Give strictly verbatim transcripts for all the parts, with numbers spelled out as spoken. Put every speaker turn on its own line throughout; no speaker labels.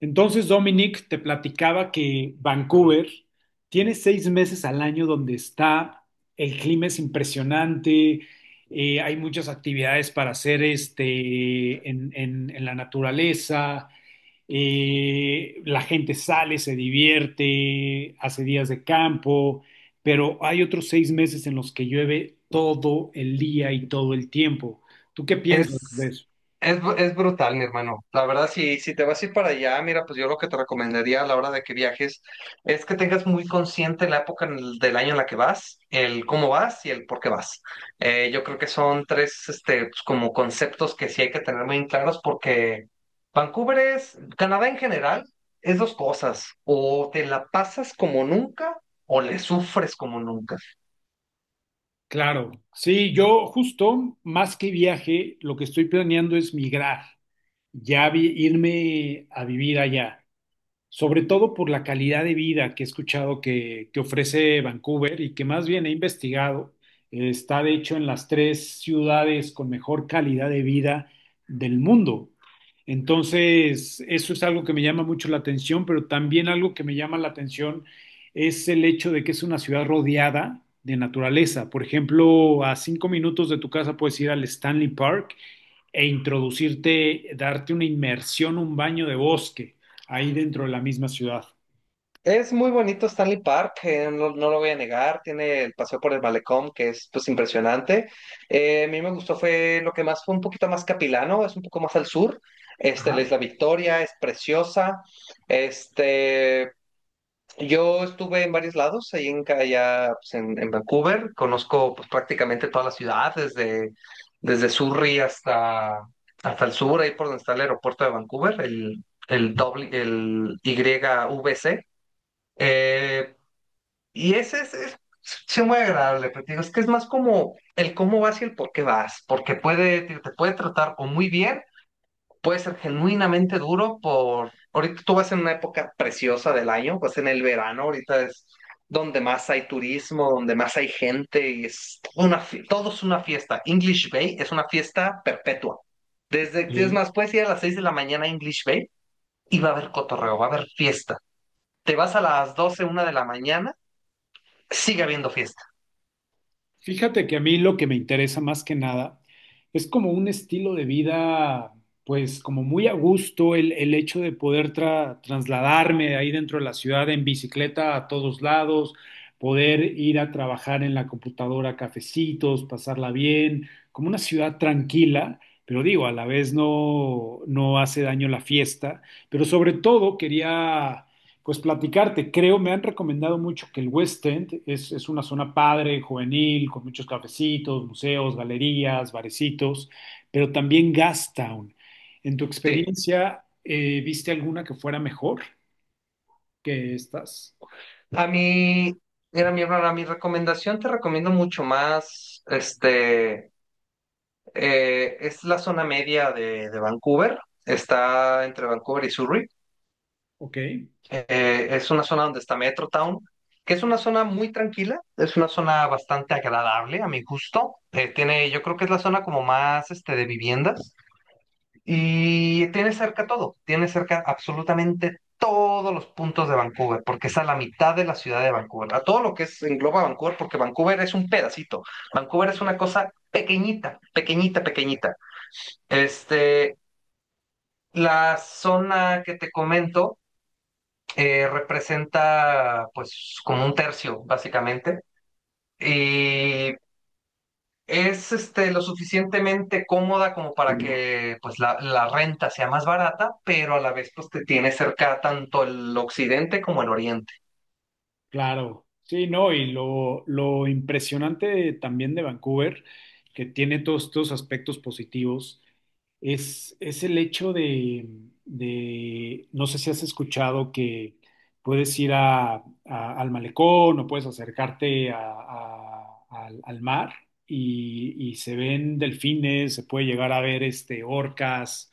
Entonces, Dominic, te platicaba que Vancouver tiene seis meses al año donde está, el clima es impresionante, eh, hay muchas actividades para hacer este, en, en- en la naturaleza, eh, la gente sale, se divierte, hace días de campo, pero hay otros seis meses en los que llueve todo el día y todo el tiempo. ¿Tú qué piensas de
Es,
eso?
es, br- es brutal, mi hermano. La verdad, si, si te vas a ir para allá, mira, pues yo lo que te recomendaría a la hora de que viajes es que tengas muy consciente la época en el- del año en la que vas, el cómo vas y el por qué vas. Eh, yo creo que son tres, este, pues, como conceptos que sí hay que tener muy claros porque Vancouver es, Canadá en general, es dos cosas. O te la pasas como nunca o le sufres como nunca.
Claro, sí, yo justo más que viaje, lo que estoy planeando es migrar, ya vi- irme a vivir allá sobre todo por la calidad de vida que he escuchado que, que ofrece Vancouver y que más bien he investigado. Eh, Está de hecho en las tres ciudades con mejor calidad de vida del mundo. Entonces, eso es algo que me llama mucho la atención, pero también algo que me llama la atención es el hecho de que es una ciudad rodeada de naturaleza. Por ejemplo, a cinco minutos de tu casa puedes ir al Stanley Park e introducirte, darte una inmersión, un baño de bosque ahí dentro de la misma ciudad.
Es muy bonito Stanley Park, eh, no, no lo voy a negar, tiene el paseo por el malecón que es pues impresionante. Eh, a mí me gustó fue lo que más fue un poquito más capilano, es un poco más al sur. Este, la
Ajá.
Isla Victoria es preciosa. Este, yo estuve en varios lados, ahí en ca- allá pues, en, en Vancouver, conozco pues prácticamente toda la ciudad, desde, desde Surrey hasta, hasta el sur, ahí por donde está el aeropuerto de Vancouver, el, el, doble- el Y V C. Eh, y ese es, es, sí, muy agradable, pero te digo, es que es más como el cómo vas y el por qué vas, porque puede, te, te puede tratar o muy bien, puede ser genuinamente duro por, ahorita tú vas en una época preciosa del año, pues en el verano, ahorita es donde más hay turismo, donde más hay gente, y es toda una, fie- todo es una fiesta. English Bay es una fiesta perpetua. Desde, es
Eh,
más, puedes ir a las seis de la mañana a English Bay y va a haber cotorreo, va a haber fiesta. Te vas a las doce una de la mañana sigue habiendo fiesta.
Fíjate que a mí lo que me interesa más que nada es como un estilo de vida, pues como muy a gusto, el, el hecho de poder tra- trasladarme de ahí dentro de la ciudad en bicicleta a todos lados, poder ir a trabajar en la computadora, a cafecitos, pasarla bien, como una ciudad tranquila, pero digo, a la vez no, no hace daño la fiesta, pero sobre todo quería pues platicarte. Creo, me han recomendado mucho que el West End es, es una zona padre, juvenil, con muchos cafecitos, museos, galerías, barecitos, pero también Gastown. En tu
Sí.
experiencia, eh, ¿viste alguna que fuera mejor que estas?
A mí, mira, mi hermana, mi recomendación te recomiendo mucho más, este, eh, es la zona media de, de Vancouver, está entre Vancouver y Surrey.
Ok,
Eh, es una zona donde está Metro Town, que es una zona muy tranquila, es una zona bastante agradable a mi gusto. Eh, tiene, yo creo que es la zona como más, este, de viviendas, y tiene cerca todo, tiene cerca absolutamente todos los puntos de Vancouver, porque es a la mitad de la ciudad de Vancouver, a todo lo que es, engloba Vancouver, porque Vancouver es un pedacito, Vancouver es una cosa pequeñita, pequeñita, pequeñita. Este, la zona que te comento eh, representa pues como un tercio, básicamente, y es este, lo suficientemente cómoda como para que pues, la, la renta sea más barata, pero a la vez pues, te tiene cerca tanto el occidente como el oriente.
claro. Sí, no, y lo, lo impresionante también de Vancouver, que tiene todos estos aspectos positivos, es, es el hecho de, de- no sé si has escuchado que puedes ir a- a- al malecón o puedes acercarte a- a- al, al mar y, y se ven delfines, se puede llegar a ver este, orcas,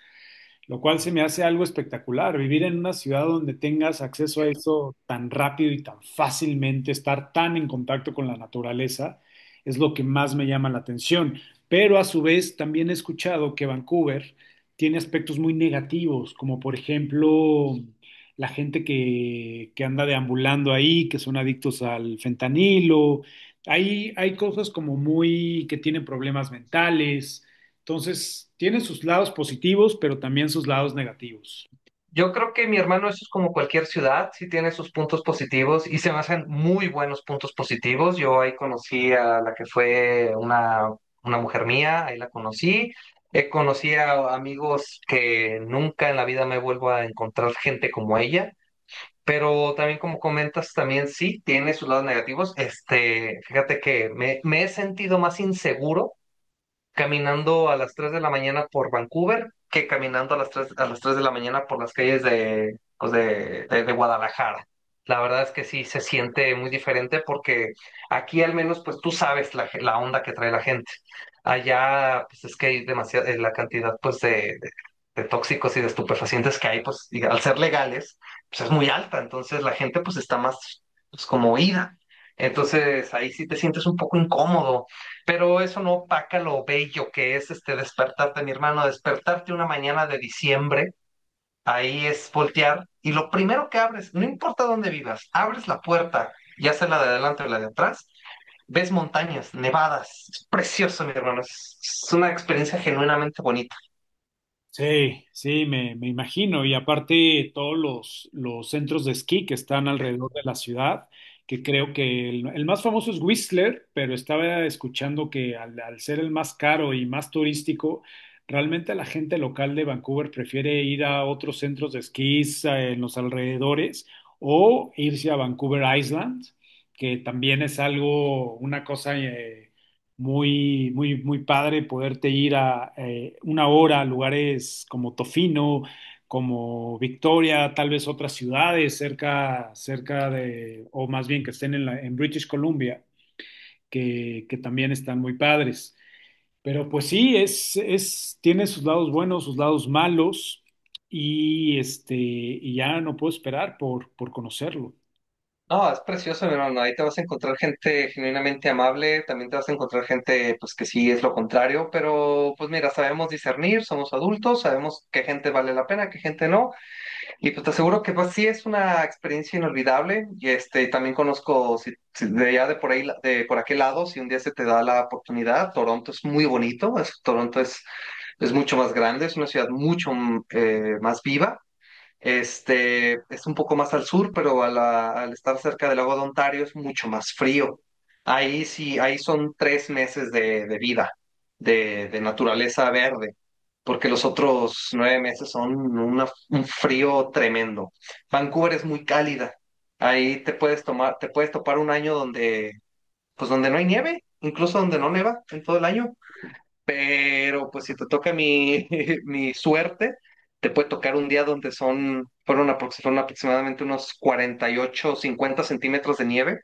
lo cual se me hace algo espectacular. Vivir en una ciudad donde tengas acceso a eso tan rápido y tan fácilmente, estar tan en contacto con la naturaleza, es lo que más me llama la atención. Pero a su vez también he escuchado que Vancouver tiene aspectos muy negativos, como por ejemplo la gente que, que anda deambulando ahí, que son adictos al fentanilo. Hay, hay cosas como muy que tienen problemas mentales. Entonces, tiene sus lados positivos, pero también sus lados negativos.
Yo creo que mi hermano, eso es como cualquier ciudad, sí tiene sus puntos positivos y se me hacen muy buenos puntos positivos. Yo ahí conocí a la que fue una, una mujer mía, ahí la conocí. Eh, conocí a amigos que nunca en la vida me vuelvo a encontrar gente como ella, pero también como comentas, también sí tiene sus lados negativos. Este, fíjate que me, me he sentido más inseguro caminando a las tres de la mañana por Vancouver que caminando a las tres a las tres de la mañana por las calles de, pues, de, de- de Guadalajara. La verdad es que sí se siente muy diferente porque aquí al menos pues tú sabes la, la onda que trae la gente. Allá pues es que hay demasiada la cantidad pues de, de tóxicos y de estupefacientes que hay, pues diga, al ser legales, pues es muy alta, entonces la gente pues está más pues, como oída. Entonces ahí sí te sientes un poco incómodo, pero eso no opaca lo bello que es este despertarte, mi hermano, despertarte una mañana de diciembre, ahí es voltear y lo primero que abres, no importa dónde vivas, abres la puerta, ya sea la de adelante o la de atrás, ves montañas, nevadas, es precioso, mi hermano, es, es una experiencia genuinamente bonita.
Sí, sí, me, me imagino. Y aparte, todos los, los centros de esquí que están alrededor de la ciudad, que creo que el, el más famoso es Whistler, pero estaba escuchando que al, al ser el más caro y más turístico, realmente la gente local de Vancouver prefiere ir a otros centros de esquís eh, en los alrededores o irse a Vancouver Island, que también es algo, una cosa, eh, muy, muy, muy padre poderte ir a eh, una hora a lugares como Tofino, como Victoria, tal vez otras ciudades cerca, cerca de, o más bien que estén en, la- en British Columbia, que, que también están muy padres. Pero pues sí, es, es, tiene sus lados buenos, sus lados malos, y este, y ya no puedo esperar por, por conocerlo.
No, es precioso, mi hermano. Ahí te vas a encontrar gente genuinamente amable, también te vas a encontrar gente, pues que sí es lo contrario, pero pues mira, sabemos discernir, somos adultos, sabemos qué gente vale la pena, qué gente no, y pues te aseguro que pues sí es una experiencia inolvidable. Y este, también conozco si, si de allá de por ahí, de por aquel lado, si un día se te da la oportunidad, Toronto es muy bonito, es- Toronto es es mucho más grande, es una ciudad mucho mm, eh, más viva. Este es un poco más al sur, pero a la- al estar cerca del lago de Ontario es mucho más frío. Ahí sí, ahí son tres meses de, de vida, de, de naturaleza verde, porque los otros nueve meses son una- un frío tremendo. Vancouver es muy cálida. Ahí te puedes tomar, te puedes topar un año donde, pues donde no hay nieve, incluso donde no neva en todo el año. Pero pues si te toca mi, mi suerte, te puede tocar un día donde son, fueron, aprox- fueron aproximadamente unos cuarenta y ocho o cincuenta centímetros de nieve.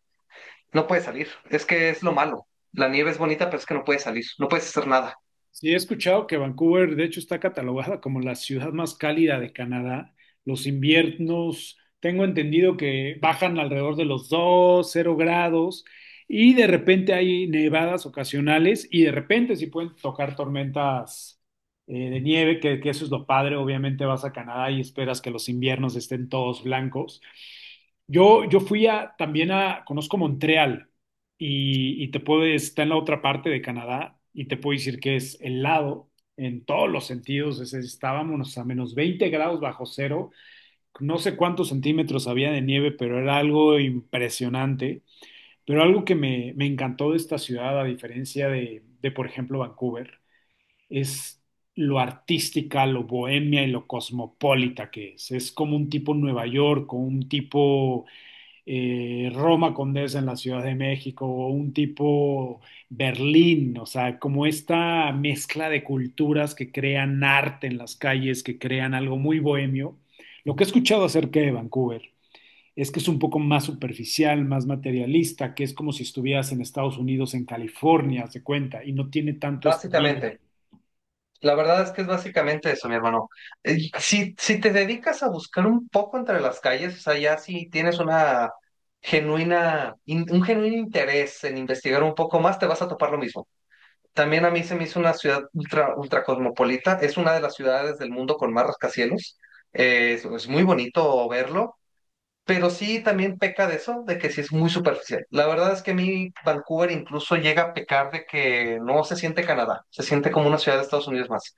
No puedes salir. Es que es lo malo. La nieve es bonita, pero es que no puedes salir. No puedes hacer nada.
Sí, he escuchado que Vancouver, de hecho, está catalogada como la ciudad más cálida de Canadá. Los inviernos, tengo entendido que bajan alrededor de los dos cero grados y de repente hay nevadas ocasionales y de repente sí pueden tocar tormentas eh, de nieve, que, que eso es lo padre. Obviamente vas a Canadá y esperas que los inviernos estén todos blancos. Yo, yo fui a, también a, conozco Montreal y, y te puede, está en la otra parte de Canadá y te puedo decir que es helado en todos los sentidos. Es- estábamos a menos veinte grados bajo cero, no sé cuántos centímetros había de nieve, pero era algo impresionante. Pero algo que me, me encantó de esta ciudad, a diferencia de, de, por ejemplo, Vancouver, es lo artística, lo bohemia y lo cosmopolita que es. Es como un tipo Nueva York, o un tipo eh, Roma Condesa en la Ciudad de México o un tipo Berlín, o sea, como esta mezcla de culturas que crean arte en las calles, que crean algo muy bohemio. Lo que he escuchado acerca de Vancouver es que es un poco más superficial, más materialista, que es como si estuvieras en Estados Unidos, en California, se cuenta, y no tiene tanto esta vibra.
Básicamente. La verdad es que es básicamente eso, mi hermano. Eh, Si, si te dedicas a buscar un poco entre las calles, o sea, ya si tienes una genuina, in- un genuino interés en investigar un poco más, te vas a topar lo mismo. También a mí se me hizo una ciudad ultra, ultra cosmopolita. Es una de las ciudades del mundo con más rascacielos. Eh, es, es muy bonito verlo, pero sí también peca de eso, de que sí es muy superficial. La verdad es que a mí Vancouver incluso llega a pecar de que no se siente Canadá, se siente como una ciudad de Estados Unidos más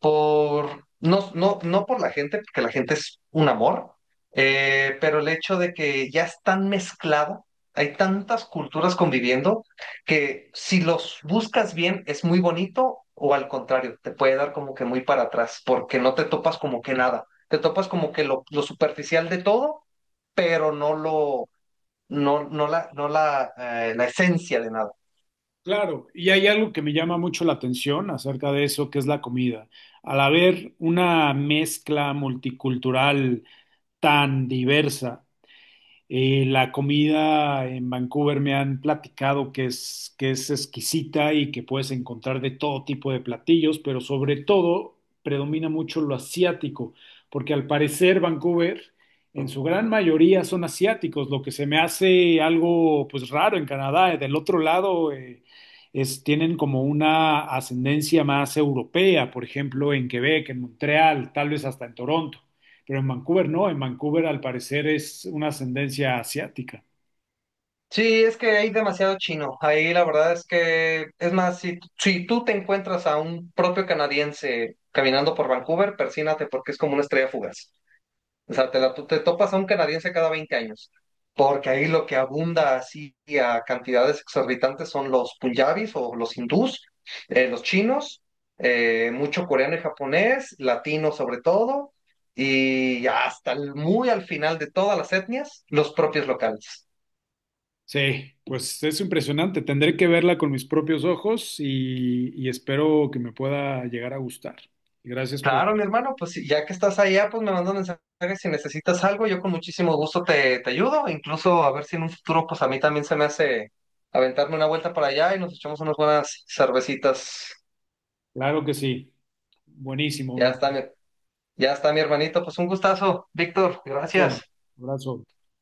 por, no, no, no por la gente, porque la gente es un amor, eh, pero el hecho de que ya es tan mezclado, hay tantas culturas conviviendo, que si los buscas bien es muy bonito o al contrario, te puede dar como que muy para atrás, porque no te topas como que nada, te topas como que lo, lo superficial de todo, pero no lo, no, no la, no la, eh, la esencia de nada.
Claro, y hay algo que me llama mucho la atención acerca de eso, que es la comida. Al haber una mezcla multicultural, tan diversa. Eh, la comida en Vancouver me han platicado que es, que es exquisita y que puedes encontrar de todo tipo de platillos, pero sobre todo predomina mucho lo asiático, porque al parecer Vancouver en su gran mayoría son asiáticos, lo que se me hace algo pues raro en Canadá. Del otro lado eh, es, tienen como una ascendencia más europea, por ejemplo en Quebec, en Montreal, tal vez hasta en Toronto, pero en Vancouver no, en Vancouver al parecer es una ascendencia asiática.
Sí, es que hay demasiado chino. Ahí la verdad es que, es más, si, si tú te encuentras a un propio canadiense caminando por Vancouver, persínate porque es como una estrella fugaz. O sea, te, la, tú te topas a un canadiense cada veinte años. Porque ahí lo que abunda así a cantidades exorbitantes son los punjabis o los hindús, eh, los chinos, eh, mucho coreano y japonés, latino sobre todo, y hasta el- muy al final de todas las etnias, los propios locales.
Sí, pues es impresionante, tendré que verla con mis propios ojos y, y espero que me pueda llegar a gustar. Gracias por...
Claro, mi hermano, pues sí, ya que estás allá, pues me mandas mensajes si necesitas algo, yo con muchísimo gusto te, te ayudo, incluso a ver si en un futuro, pues a mí también se me hace aventarme una vuelta para allá y nos echamos unas buenas cervecitas.
Claro que sí, buenísimo,
Ya está,
don.
mi- ya está mi hermanito, pues un gustazo, Víctor,
Abrazo,
gracias.
abrazo.